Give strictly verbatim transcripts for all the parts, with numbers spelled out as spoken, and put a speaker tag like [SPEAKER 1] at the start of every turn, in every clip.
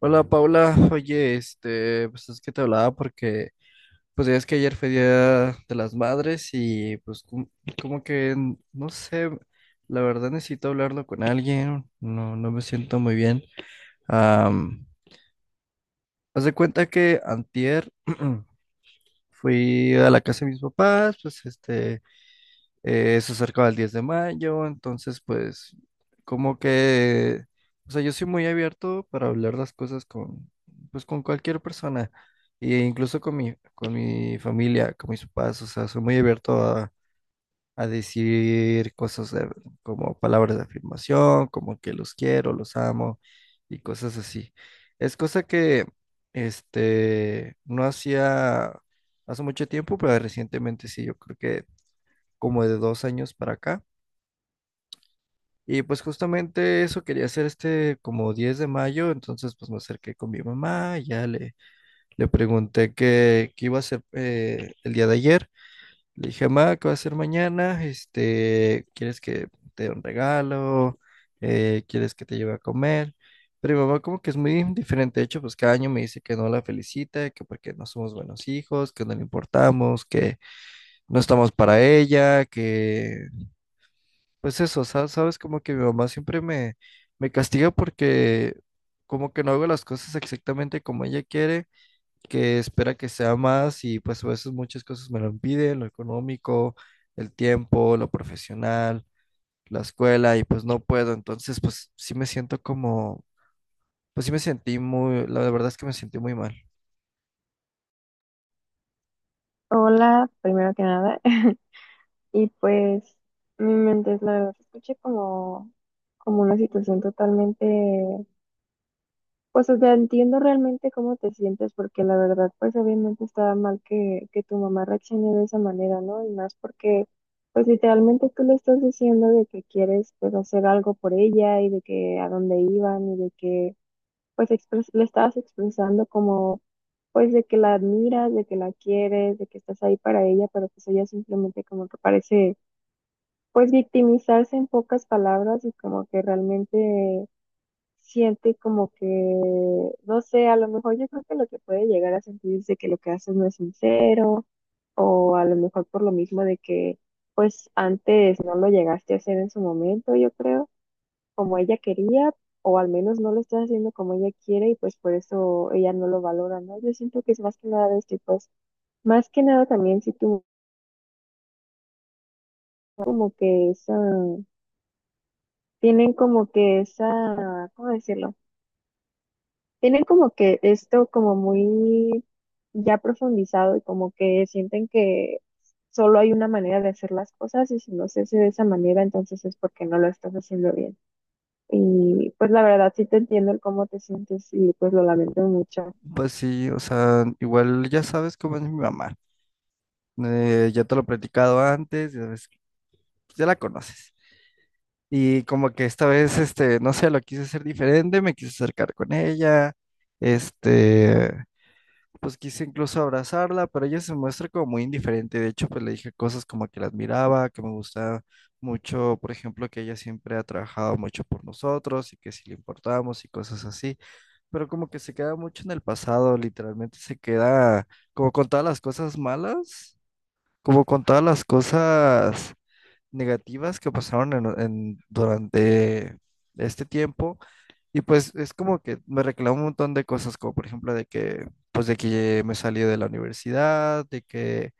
[SPEAKER 1] Hola Paula, oye, este, pues es que te hablaba porque, pues ya es que ayer fue Día de las Madres y pues cum- como, que, n- no sé, la verdad necesito hablarlo con alguien, no, no me siento muy bien. Am, Haz de cuenta que antier fui a la casa de mis papás, pues este, eh, eso cerca del diez de mayo, entonces pues como que, o sea, yo soy muy abierto para hablar las cosas con, pues con cualquier persona, e incluso con mi, con mi familia, con mis papás, o sea, soy muy abierto a, a decir cosas de- como palabras de afirmación, como que los quiero, los amo y cosas así. Es cosa que, este, no hacía hace mucho tiempo, pero recientemente sí, yo creo que como de dos años para acá. Y pues justamente eso quería hacer este como diez de mayo, entonces pues me acerqué con mi mamá, ya le, le pregunté qué, qué iba a hacer eh, el día de ayer. Le dije, mamá, ¿qué va a hacer mañana? Este, ¿quieres que te dé un regalo? Eh, ¿quieres que te lleve a comer? Pero mi mamá como que es muy diferente, de hecho, pues cada año me dice que no la felicita, que porque no somos buenos hijos, que no le importamos, que no estamos para ella, que pues eso, sa- sabes, como que mi mamá siempre me, me castiga porque como que no hago las cosas exactamente como ella quiere, que espera que sea más y pues a veces muchas cosas me lo impiden, lo económico, el tiempo, lo profesional, la escuela y pues no puedo, entonces pues sí me siento como, pues sí me sentí muy, la verdad es que me sentí muy mal.
[SPEAKER 2] Hola, primero que nada. Y pues mi mente es la verdad, se escuché como, como una situación totalmente, pues o sea, entiendo realmente cómo te sientes, porque la verdad, pues obviamente estaba mal que, que tu mamá reaccione de esa manera, ¿no? Y más porque, pues literalmente tú le estás diciendo de que quieres, pues hacer algo por ella y de que a dónde iban y de que, pues expres- le estabas expresando como pues de que la admiras, de que la quieres, de que estás ahí para ella, pero pues ella simplemente como que parece pues victimizarse en pocas palabras y como que realmente siente como que, no sé, a lo mejor yo creo que lo que puede llegar a sentir es de que lo que haces no es sincero o a lo mejor por lo mismo de que pues antes no lo llegaste a hacer en su momento, yo creo, como ella quería, o al menos no lo estás haciendo como ella quiere y pues por eso ella no lo valora, ¿no? Yo siento que es más que nada de este tipo de más que nada también si tú como que esa, tienen como que esa, ¿cómo decirlo? Tienen como que esto como muy ya profundizado y como que sienten que solo hay una manera de hacer las cosas y si no se hace de esa manera, entonces es porque no lo estás haciendo bien. Y pues la verdad sí te entiendo el cómo te sientes y pues lo lamento mucho.
[SPEAKER 1] Pues sí, o sea, igual ya sabes cómo es mi mamá, eh, ya te lo he platicado antes, ya ves- ya la conoces. Y como que esta vez, este, no sé, lo quise hacer diferente, me quise acercar con ella, este, pues quise incluso abrazarla, pero ella se muestra como muy indiferente. De hecho, pues le dije cosas como que la admiraba, que me gustaba mucho, por ejemplo, que ella siempre ha trabajado mucho por nosotros y que si le importábamos y cosas así, pero como que se queda mucho en el pasado, literalmente se queda como con todas las cosas malas, como con todas las cosas negativas que pasaron en- en- durante este tiempo y pues es como que me reclamó un montón de cosas como por ejemplo de que pues de que me salí de la universidad, de que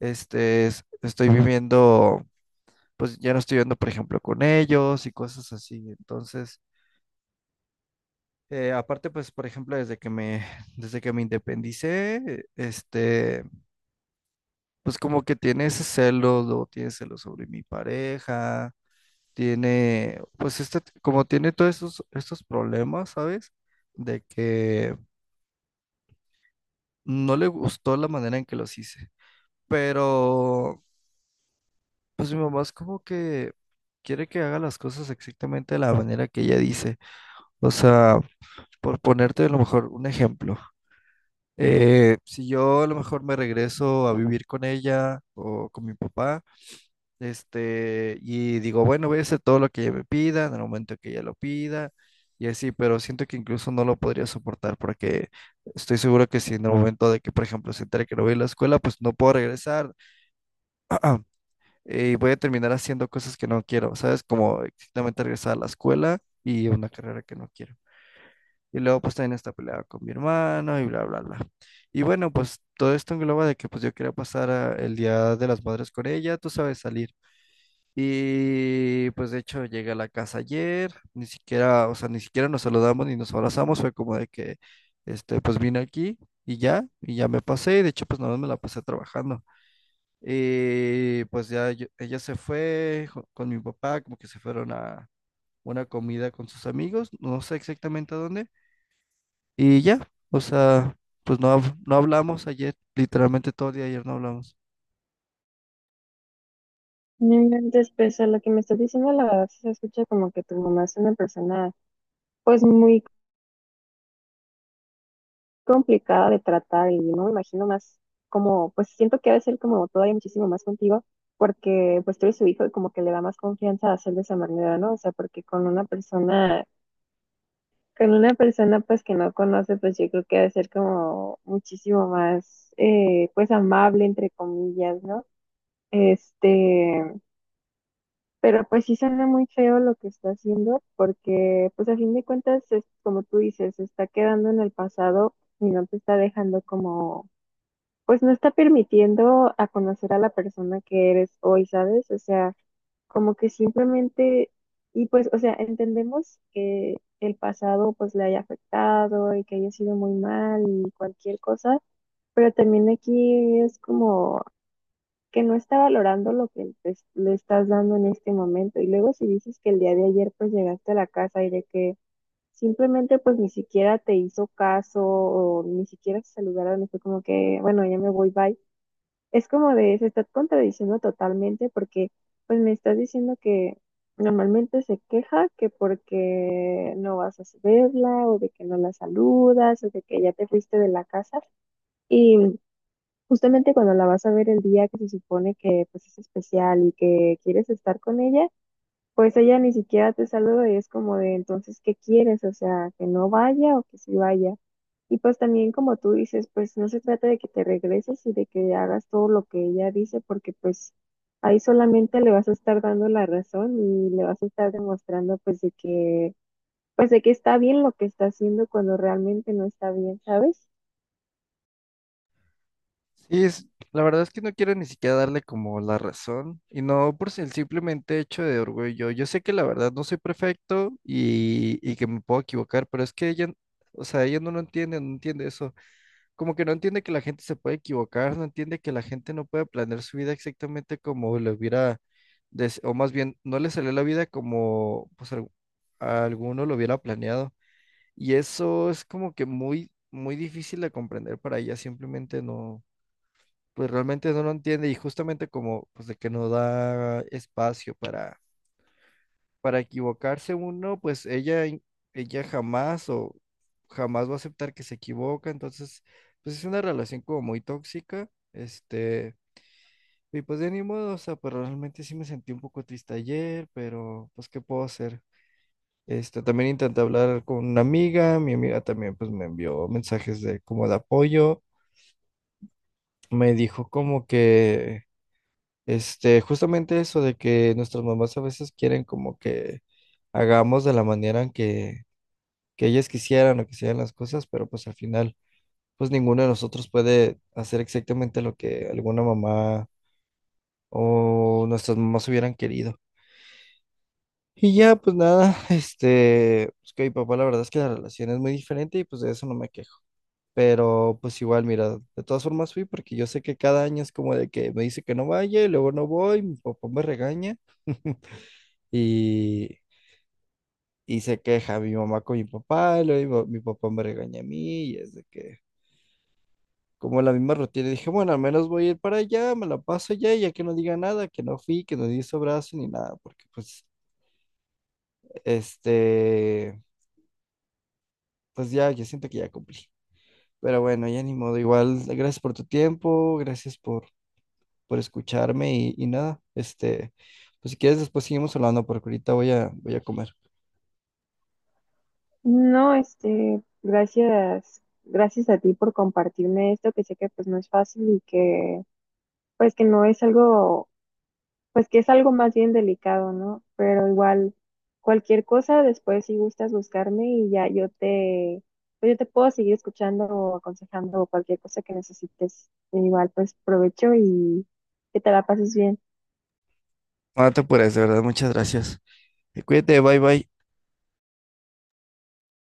[SPEAKER 1] este es- estoy viviendo, pues ya no estoy viviendo por ejemplo con ellos y cosas así. Entonces, eh, aparte pues por ejemplo desde que me desde que me independicé, este pues como que tiene ese celo, luego tiene celos sobre mi pareja, tiene, pues este, como tiene todos estos, estos problemas, ¿sabes? De que no le gustó la manera en que los hice. Pero, pues mi mamá es como que quiere que haga las cosas exactamente de la manera que ella dice. O sea, por ponerte a lo mejor un ejemplo. eh, si yo a lo mejor me regreso a vivir con ella o con mi papá. Este, y digo, bueno, voy a hacer todo lo que ella me pida en el momento que ella lo pida, y así, pero siento que incluso no lo podría soportar porque estoy seguro que si en el momento de que, por ejemplo, se entere que no voy a la escuela, pues no puedo regresar y voy a terminar haciendo cosas que no quiero, ¿sabes? Como exactamente regresar a la escuela y una carrera que no quiero. Y luego pues también esta pelea con mi hermano y bla, bla, bla. Y bueno, pues todo esto engloba de que pues yo quería pasar ah, el Día de las Madres con ella, tú sabes, salir. Y pues de hecho llegué a la casa ayer, ni siquiera, o sea, ni siquiera nos saludamos ni nos abrazamos, fue como de que, este, pues vine aquí y ya, y ya me pasé, y de hecho pues nada más me la pasé trabajando. Y pues ya yo- ella se fue jo- con mi papá, como que se fueron a una comida con sus amigos, no sé exactamente a dónde, y ya, o sea, pues no, hab- no hablamos ayer, literalmente todo el día ayer no hablamos.
[SPEAKER 2] Mm, después, a lo que me estás diciendo, la verdad sí se escucha como que tu mamá es una persona pues muy complicada de tratar y no me imagino más como, pues siento que ha de ser como todavía muchísimo más contigo, porque pues tú eres su hijo y como que le da más confianza a hacer de esa manera, ¿no? O sea, porque con una persona, con una persona pues que no conoce, pues yo creo que ha de ser como muchísimo más, eh, pues amable, entre comillas, ¿no? Este, pero pues sí suena muy feo lo que está haciendo, porque pues a fin de cuentas, es, como tú dices, se está quedando en el pasado y no te está dejando como pues no está permitiendo a conocer a la persona que eres hoy, ¿sabes? O sea, como que simplemente, y pues, o sea, entendemos que el pasado pues le haya afectado y que haya sido muy mal y cualquier cosa, pero también aquí es como que no está valorando lo que te- le estás dando en este momento. Y luego si dices que el día de ayer pues llegaste a la casa y de que simplemente pues ni siquiera te hizo caso o ni siquiera se saludaron y fue como que, bueno, ya me voy, bye, es como de, se está contradiciendo totalmente porque pues me estás diciendo que normalmente se queja que porque no vas a verla o de que no la saludas o de que ya te fuiste de la casa y justamente cuando la vas a ver el día que se supone que pues es especial y que quieres estar con ella, pues ella ni siquiera te saluda y es como de entonces, ¿qué quieres? O sea, que no vaya o que sí vaya. Y pues también como tú dices, pues no se trata de que te regreses y de que hagas todo lo que ella dice, porque pues ahí solamente le vas a estar dando la razón y le vas a estar demostrando pues de que, pues de que está bien lo que está haciendo cuando realmente no está bien, ¿sabes?
[SPEAKER 1] Sí, es, la verdad es que no quiero ni siquiera darle como la razón y no por si- el simplemente hecho de orgullo. Yo sé que la verdad no soy perfecto y, y que me puedo equivocar, pero es que ella, o sea, ella no lo entiende, no entiende eso. Como que no entiende que la gente se puede equivocar, no entiende que la gente no puede planear su vida exactamente como le hubiera, des- o más bien, no le salió la vida como pues al- a alguno lo hubiera planeado. Y eso es como que muy, muy difícil de comprender para ella, simplemente no pues realmente no lo entiende y justamente como pues de que no da espacio para, para equivocarse uno, pues ella, in- ella jamás o jamás va a aceptar que se equivoca, entonces pues es una relación como muy tóxica, este, y pues de ni modo, o sea, pero realmente sí me sentí un poco triste ayer, pero pues ¿qué puedo hacer? Este, también intenté hablar con una amiga, mi amiga también pues me envió mensajes de como de apoyo, me dijo como que Este, justamente eso de que nuestras mamás a veces quieren como que hagamos de la manera en que, que ellas quisieran o que sean las cosas, pero pues al final, pues ninguno de nosotros puede hacer exactamente lo que alguna mamá o nuestras mamás hubieran querido. Y ya, pues nada, este, pues que mi papá la verdad es que la relación es muy diferente y pues de eso no me quejo. Pero pues igual, mira, de todas formas fui porque yo sé que cada año es como de que me dice que no vaya y luego no voy, mi papá me regaña. Y, y se queja mi mamá con mi papá, y luego mi, mi papá me regaña a mí, y es de que, como la misma rutina, dije, bueno, al menos voy a ir para allá, me la paso allá, y ya que no diga nada, que no fui, que no di brazo ni nada, porque pues, este, pues ya, yo siento que ya cumplí. Pero bueno, ya ni modo, igual, gracias por tu tiempo, gracias por, por escucharme y, y nada, este, pues si quieres después seguimos hablando, porque ahorita voy a, voy a comer.
[SPEAKER 2] No, este, gracias, gracias a ti por compartirme esto, que sé que pues no es fácil y que pues que no es algo pues que es algo más bien delicado, ¿no? Pero igual, cualquier cosa, después si gustas buscarme y ya yo te, pues yo te puedo seguir escuchando o aconsejando o cualquier cosa que necesites. E igual, pues provecho y que te la pases bien.
[SPEAKER 1] No te apures, de verdad, muchas gracias. Cuídate, bye bye.